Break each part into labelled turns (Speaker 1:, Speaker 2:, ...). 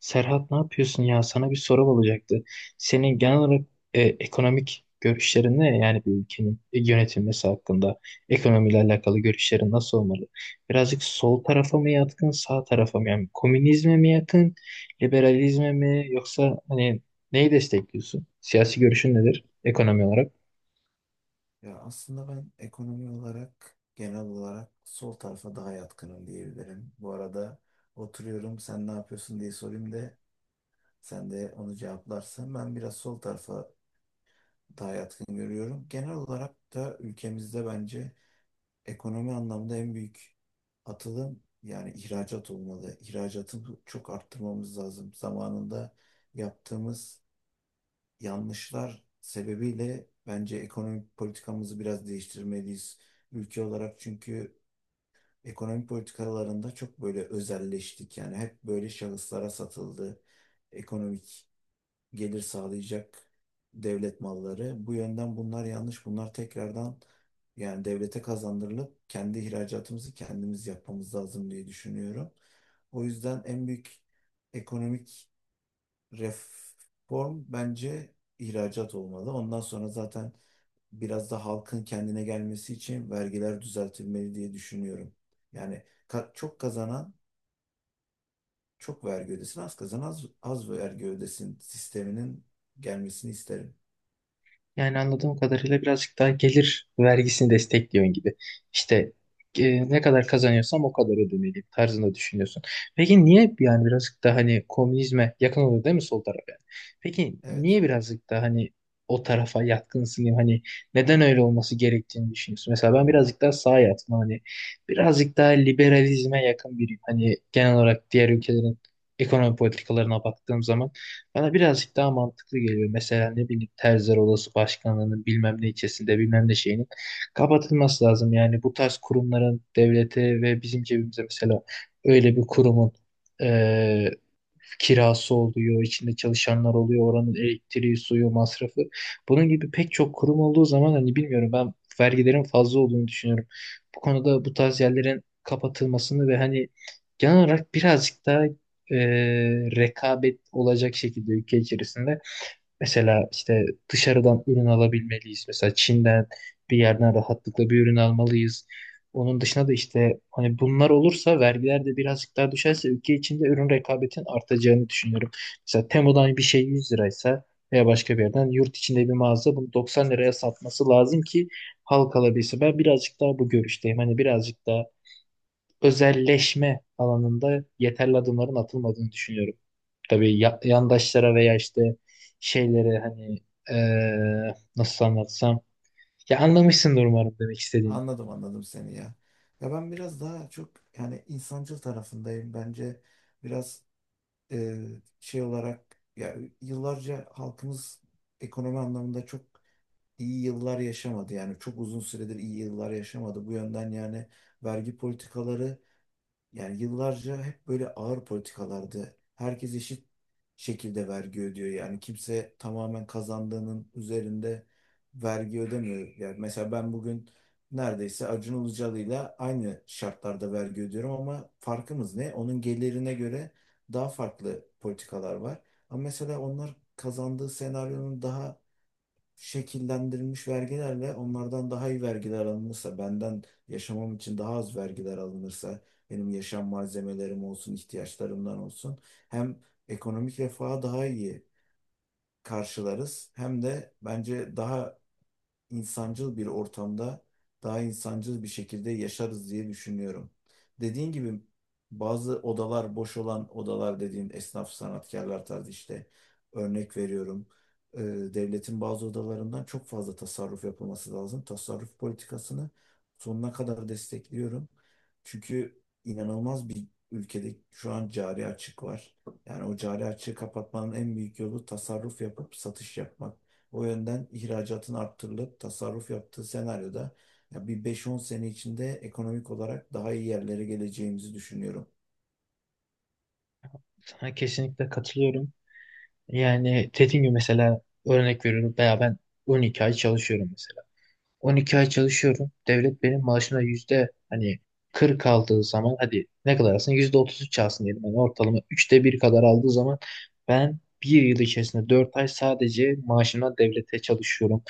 Speaker 1: Serhat ne yapıyorsun ya? Sana bir sorum olacaktı. Senin genel olarak ekonomik görüşlerin ne? Yani bir ülkenin yönetilmesi hakkında ekonomiyle alakalı görüşlerin nasıl olmalı? Birazcık sol tarafa mı yatkın, sağ tarafa mı? Yani komünizme mi yakın, liberalizme mi? Yoksa hani neyi destekliyorsun? Siyasi görüşün nedir ekonomi olarak?
Speaker 2: Ya aslında ben ekonomi olarak genel olarak sol tarafa daha yatkınım diyebilirim. Bu arada oturuyorum, sen ne yapıyorsun diye sorayım da sen de onu cevaplarsan. Ben biraz sol tarafa daha yatkın görüyorum. Genel olarak da ülkemizde bence ekonomi anlamda en büyük atılım yani ihracat olmalı. İhracatı çok arttırmamız lazım. Zamanında yaptığımız yanlışlar sebebiyle bence ekonomik politikamızı biraz değiştirmeliyiz. Ülke olarak, çünkü ekonomik politikalarında çok böyle özelleştik. Yani hep böyle şahıslara satıldı. Ekonomik gelir sağlayacak devlet malları. Bu yönden bunlar yanlış. Bunlar tekrardan yani devlete kazandırılıp kendi ihracatımızı kendimiz yapmamız lazım diye düşünüyorum. O yüzden en büyük ekonomik reform bence ihracat olmalı. Ondan sonra zaten biraz da halkın kendine gelmesi için vergiler düzeltilmeli diye düşünüyorum. Yani çok kazanan çok vergi ödesin, az kazanan az, az vergi ödesin sisteminin gelmesini isterim.
Speaker 1: Yani anladığım kadarıyla birazcık daha gelir vergisini destekliyorsun gibi. İşte ne kadar kazanıyorsam o kadar ödemeliyim tarzında düşünüyorsun. Peki niye yani birazcık daha hani komünizme yakın oluyor değil mi sol taraf yani? Peki
Speaker 2: Evet.
Speaker 1: niye birazcık daha hani o tarafa yatkınsın diyeyim hani neden öyle olması gerektiğini düşünüyorsun? Mesela ben birazcık daha sağa yatkın hani birazcık daha liberalizme yakın biriyim. Hani genel olarak diğer ülkelerin ekonomi politikalarına baktığım zaman. Bana birazcık daha mantıklı geliyor. Mesela ne bileyim Terziler Odası Başkanlığı'nın bilmem ne ilçesinde bilmem ne şeyinin kapatılması lazım. Yani bu tarz kurumların devlete ve bizim cebimize mesela öyle bir kurumun eee, kirası oluyor, içinde çalışanlar oluyor, oranın elektriği, suyu, masrafı. Bunun gibi pek çok kurum olduğu zaman hani bilmiyorum ben vergilerin fazla olduğunu düşünüyorum. Bu konuda bu tarz yerlerin kapatılmasını ve hani genel olarak birazcık daha e, rekabet olacak şekilde ülke içerisinde mesela işte dışarıdan ürün alabilmeliyiz. Mesela Çin'den bir yerden rahatlıkla bir ürün almalıyız. Onun dışında da işte hani bunlar olursa vergiler de birazcık daha düşerse ülke içinde ürün rekabetin artacağını düşünüyorum. Mesela Temo'dan bir şey 100 liraysa veya başka bir yerden yurt içinde bir mağaza bunu 90 liraya satması lazım ki halk alabilse. Ben birazcık daha bu görüşteyim. Hani birazcık daha özelleşme alanında yeterli adımların atılmadığını düşünüyorum. Tabii yandaşlara veya işte şeylere hani nasıl anlatsam ya anlamışsındır umarım demek istediğimi.
Speaker 2: Anladım anladım seni ya. Ya ben biraz daha çok yani insancıl tarafındayım. Bence biraz e, şey olarak ya yıllarca halkımız ekonomi anlamında çok iyi yıllar yaşamadı. Yani çok uzun süredir iyi yıllar yaşamadı. Bu yönden yani vergi politikaları yani yıllarca hep böyle ağır politikalardı. Herkes eşit şekilde vergi ödüyor. Yani kimse tamamen kazandığının üzerinde vergi ödemiyor. Yani mesela ben bugün neredeyse Acun Ilıcalı'yla aynı şartlarda vergi ödüyorum ama farkımız ne? Onun gelirine göre daha farklı politikalar var. Ama mesela onlar kazandığı senaryonun daha şekillendirilmiş vergilerle onlardan daha iyi vergiler alınırsa, benden yaşamam için daha az vergiler alınırsa, benim yaşam malzemelerim olsun, ihtiyaçlarımdan olsun, hem ekonomik refaha daha iyi karşılarız, hem de bence daha insancıl bir ortamda daha insancıl bir şekilde yaşarız diye düşünüyorum. Dediğin gibi bazı odalar, boş olan odalar dediğin, esnaf sanatkarlar tarzı, işte örnek veriyorum. Ee, Devletin bazı odalarından çok fazla tasarruf yapılması lazım. Tasarruf politikasını sonuna kadar destekliyorum. Çünkü inanılmaz bir ülkede şu an cari açık var. Yani o cari açığı kapatmanın en büyük yolu tasarruf yapıp satış yapmak. O yönden ihracatın arttırılıp tasarruf yaptığı senaryoda ya bir 5-10 sene içinde ekonomik olarak daha iyi yerlere geleceğimizi düşünüyorum.
Speaker 1: Sana kesinlikle katılıyorum. Yani dediğim gibi mesela örnek veriyorum veya ben 12 ay çalışıyorum mesela. 12 ay çalışıyorum. Devlet benim maaşına yüzde hani 40 aldığı zaman hadi ne kadar alsın? Yüzde 33 alsın diyelim. Yani ortalama üçte bir kadar aldığı zaman ben bir yıl içerisinde 4 ay sadece maaşımdan devlete çalışıyorum.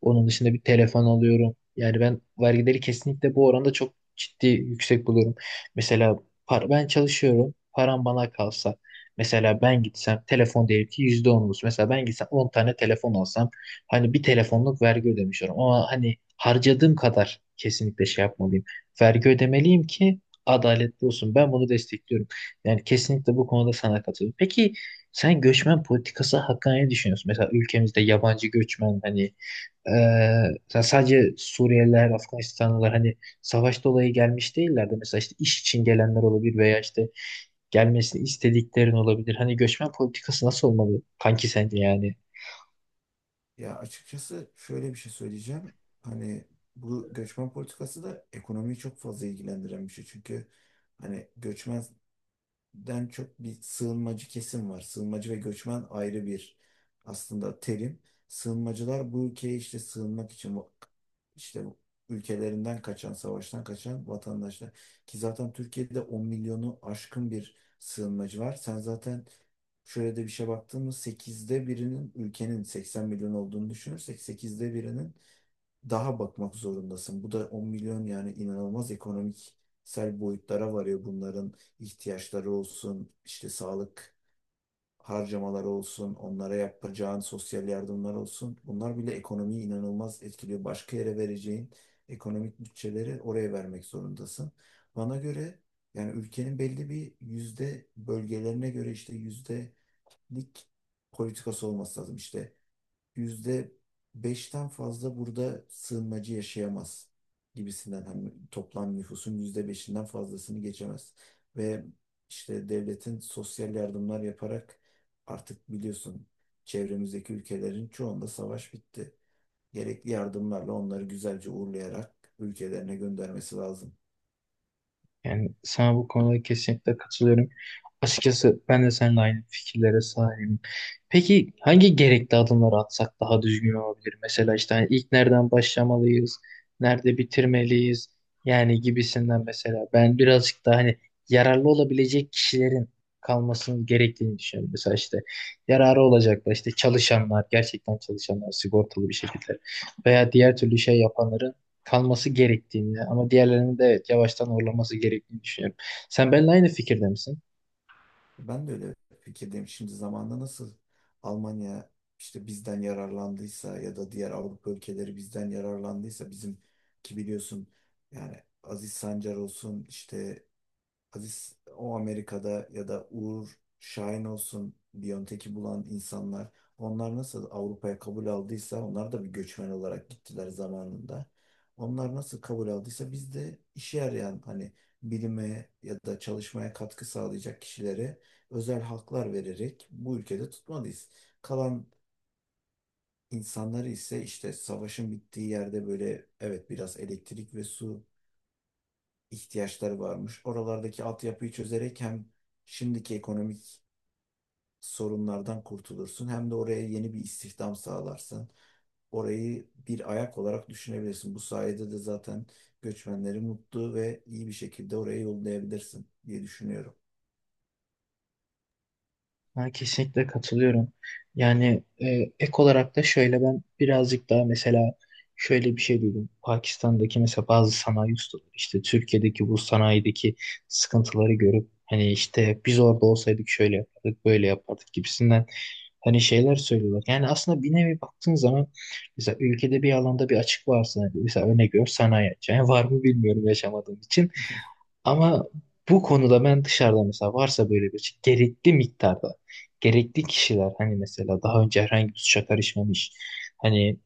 Speaker 1: Onun dışında bir telefon alıyorum. Yani ben vergileri kesinlikle bu oranda çok ciddi yüksek buluyorum. Mesela ben çalışıyorum. Param bana kalsa. Mesela ben gitsem telefon diyelim ki %10 olsun. Mesela ben gitsem 10 tane telefon alsam hani bir telefonluk vergi ödemişiyorum ama hani harcadığım kadar kesinlikle şey yapmalıyım. Vergi ödemeliyim ki adaletli olsun. Ben bunu destekliyorum. Yani kesinlikle bu konuda sana katılıyorum. Peki sen göçmen politikası hakkında ne düşünüyorsun? Mesela ülkemizde yabancı göçmen hani sadece Suriyeliler, Afganistanlılar hani savaş dolayı gelmiş değiller de mesela işte iş için gelenler olabilir veya işte gelmesini istediklerin olabilir. Hani göçmen politikası nasıl olmalı kanki sence yani?
Speaker 2: Ya açıkçası şöyle bir şey söyleyeceğim. Hani bu göçmen politikası da ekonomiyi çok fazla ilgilendiren bir şey. Çünkü hani göçmen den çok bir sığınmacı kesim var. Sığınmacı ve göçmen ayrı bir aslında terim. Sığınmacılar bu ülkeye işte sığınmak için işte bu ülkelerinden kaçan, savaştan kaçan vatandaşlar. Ki zaten Türkiye'de 10 milyonu aşkın bir sığınmacı var. Sen zaten şöyle de bir şey, baktığımız 1/8'inin, ülkenin 80 milyon olduğunu düşünürsek 1/8'inin daha bakmak zorundasın. Bu da 10 milyon. Yani inanılmaz ekonomiksel boyutlara varıyor bunların ihtiyaçları olsun, işte sağlık harcamaları olsun, onlara yapacağın sosyal yardımlar olsun. Bunlar bile ekonomiyi inanılmaz etkiliyor. Başka yere vereceğin ekonomik bütçeleri oraya vermek zorundasın. Bana göre yani ülkenin belli bir yüzde, bölgelerine göre işte yüzdelik politikası olması lazım. İşte %5'ten fazla burada sığınmacı yaşayamaz gibisinden, hani toplam nüfusun %5'inden fazlasını geçemez. Ve işte devletin sosyal yardımlar yaparak, artık biliyorsun, çevremizdeki ülkelerin çoğunda savaş bitti. Gerekli yardımlarla onları güzelce uğurlayarak ülkelerine göndermesi lazım.
Speaker 1: Yani sana bu konuda kesinlikle katılıyorum. Açıkçası ben de seninle aynı fikirlere sahibim. Peki hangi gerekli adımları atsak daha düzgün olabilir? Mesela işte hani ilk nereden başlamalıyız, nerede bitirmeliyiz yani gibisinden mesela. Ben birazcık daha hani yararlı olabilecek kişilerin kalmasının gerektiğini düşünüyorum. Mesela işte yararı olacaklar işte çalışanlar, gerçekten çalışanlar sigortalı bir şekilde veya diğer türlü şey yapanların kalması gerektiğini ama diğerlerinin de evet yavaştan horlaması gerektiğini düşünüyorum. Sen benimle aynı fikirde misin?
Speaker 2: Ben de öyle fikirdeyim. Şimdi zamanda nasıl Almanya işte bizden yararlandıysa ya da diğer Avrupa ülkeleri bizden yararlandıysa, bizim ki biliyorsun yani Aziz Sancar olsun, işte Aziz o Amerika'da, ya da Uğur Şahin olsun Biontech'i bulan insanlar, onlar nasıl Avrupa'ya kabul aldıysa, onlar da bir göçmen olarak gittiler zamanında. Onlar nasıl kabul aldıysa biz de işe yarayan, hani bilime ya da çalışmaya katkı sağlayacak kişilere özel haklar vererek bu ülkede tutmalıyız. Kalan insanları ise, işte savaşın bittiği yerde, böyle evet biraz elektrik ve su ihtiyaçları varmış. Oralardaki altyapıyı çözerek hem şimdiki ekonomik sorunlardan kurtulursun, hem de oraya yeni bir istihdam sağlarsın. Orayı bir ayak olarak düşünebilirsin. Bu sayede de zaten göçmenleri mutlu ve iyi bir şekilde oraya yollayabilirsin diye düşünüyorum.
Speaker 1: Ben kesinlikle katılıyorum. Yani ek olarak da şöyle ben birazcık daha mesela şöyle bir şey duydum. Pakistan'daki mesela bazı sanayi ustaları işte Türkiye'deki bu sanayideki sıkıntıları görüp hani işte biz orada olsaydık şöyle yapardık böyle yapardık gibisinden hani şeyler söylüyorlar. Yani aslında bir nevi baktığın zaman mesela ülkede bir alanda bir açık varsa hani mesela örnek veriyorum sanayi açığı. Yani var mı bilmiyorum yaşamadığım için. Ama bu konuda ben dışarıda mesela varsa böyle bir şey, gerekli miktarda gerekli kişiler hani mesela daha önce herhangi bir suça karışmamış hani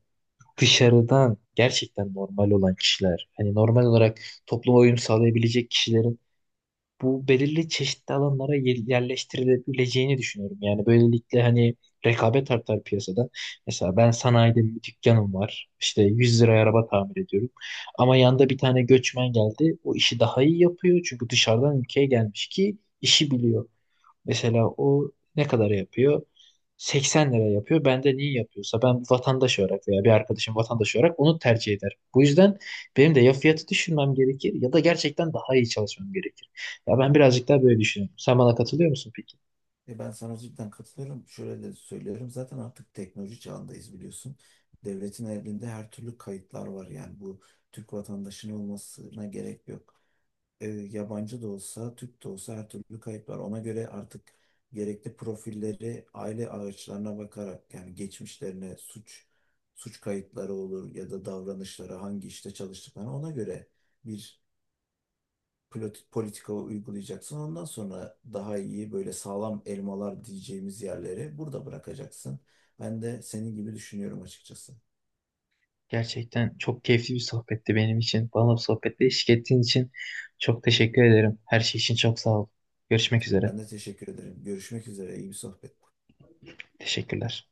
Speaker 1: dışarıdan gerçekten normal olan kişiler hani normal olarak topluma uyum sağlayabilecek kişilerin bu belirli çeşitli alanlara yerleştirilebileceğini düşünüyorum. Yani böylelikle hani rekabet artar piyasada. Mesela ben sanayide bir dükkanım var. İşte 100 liraya araba tamir ediyorum. Ama yanda bir tane göçmen geldi. O işi daha iyi yapıyor. Çünkü dışarıdan ülkeye gelmiş ki işi biliyor. Mesela o ne kadar yapıyor? 80 lira yapıyor. Ben de niye yapıyorsa ben vatandaş olarak veya bir arkadaşım vatandaş olarak onu tercih eder. Bu yüzden benim de ya fiyatı düşürmem gerekir ya da gerçekten daha iyi çalışmam gerekir. Ya ben birazcık daha böyle düşünüyorum. Sen bana katılıyor musun peki?
Speaker 2: E ben sana cidden katılıyorum. Şöyle de söylüyorum. Zaten artık teknoloji çağındayız, biliyorsun. Devletin elinde her türlü kayıtlar var. Yani bu Türk vatandaşının olmasına gerek yok. Yabancı da olsa, Türk de olsa her türlü kayıp var. Ona göre artık gerekli profilleri aile ağaçlarına bakarak, yani geçmişlerine, suç kayıtları olur, ya da davranışları hangi işte çalıştıklarına, ona göre bir politika uygulayacaksın. Ondan sonra daha iyi böyle sağlam elmalar diyeceğimiz yerleri burada bırakacaksın. Ben de senin gibi düşünüyorum açıkçası.
Speaker 1: Gerçekten çok keyifli bir sohbetti benim için. Bana bu sohbette eşlik ettiğin için çok teşekkür ederim. Her şey için çok sağ ol. Görüşmek üzere.
Speaker 2: Ben de teşekkür ederim. Görüşmek üzere. İyi bir sohbet.
Speaker 1: Teşekkürler.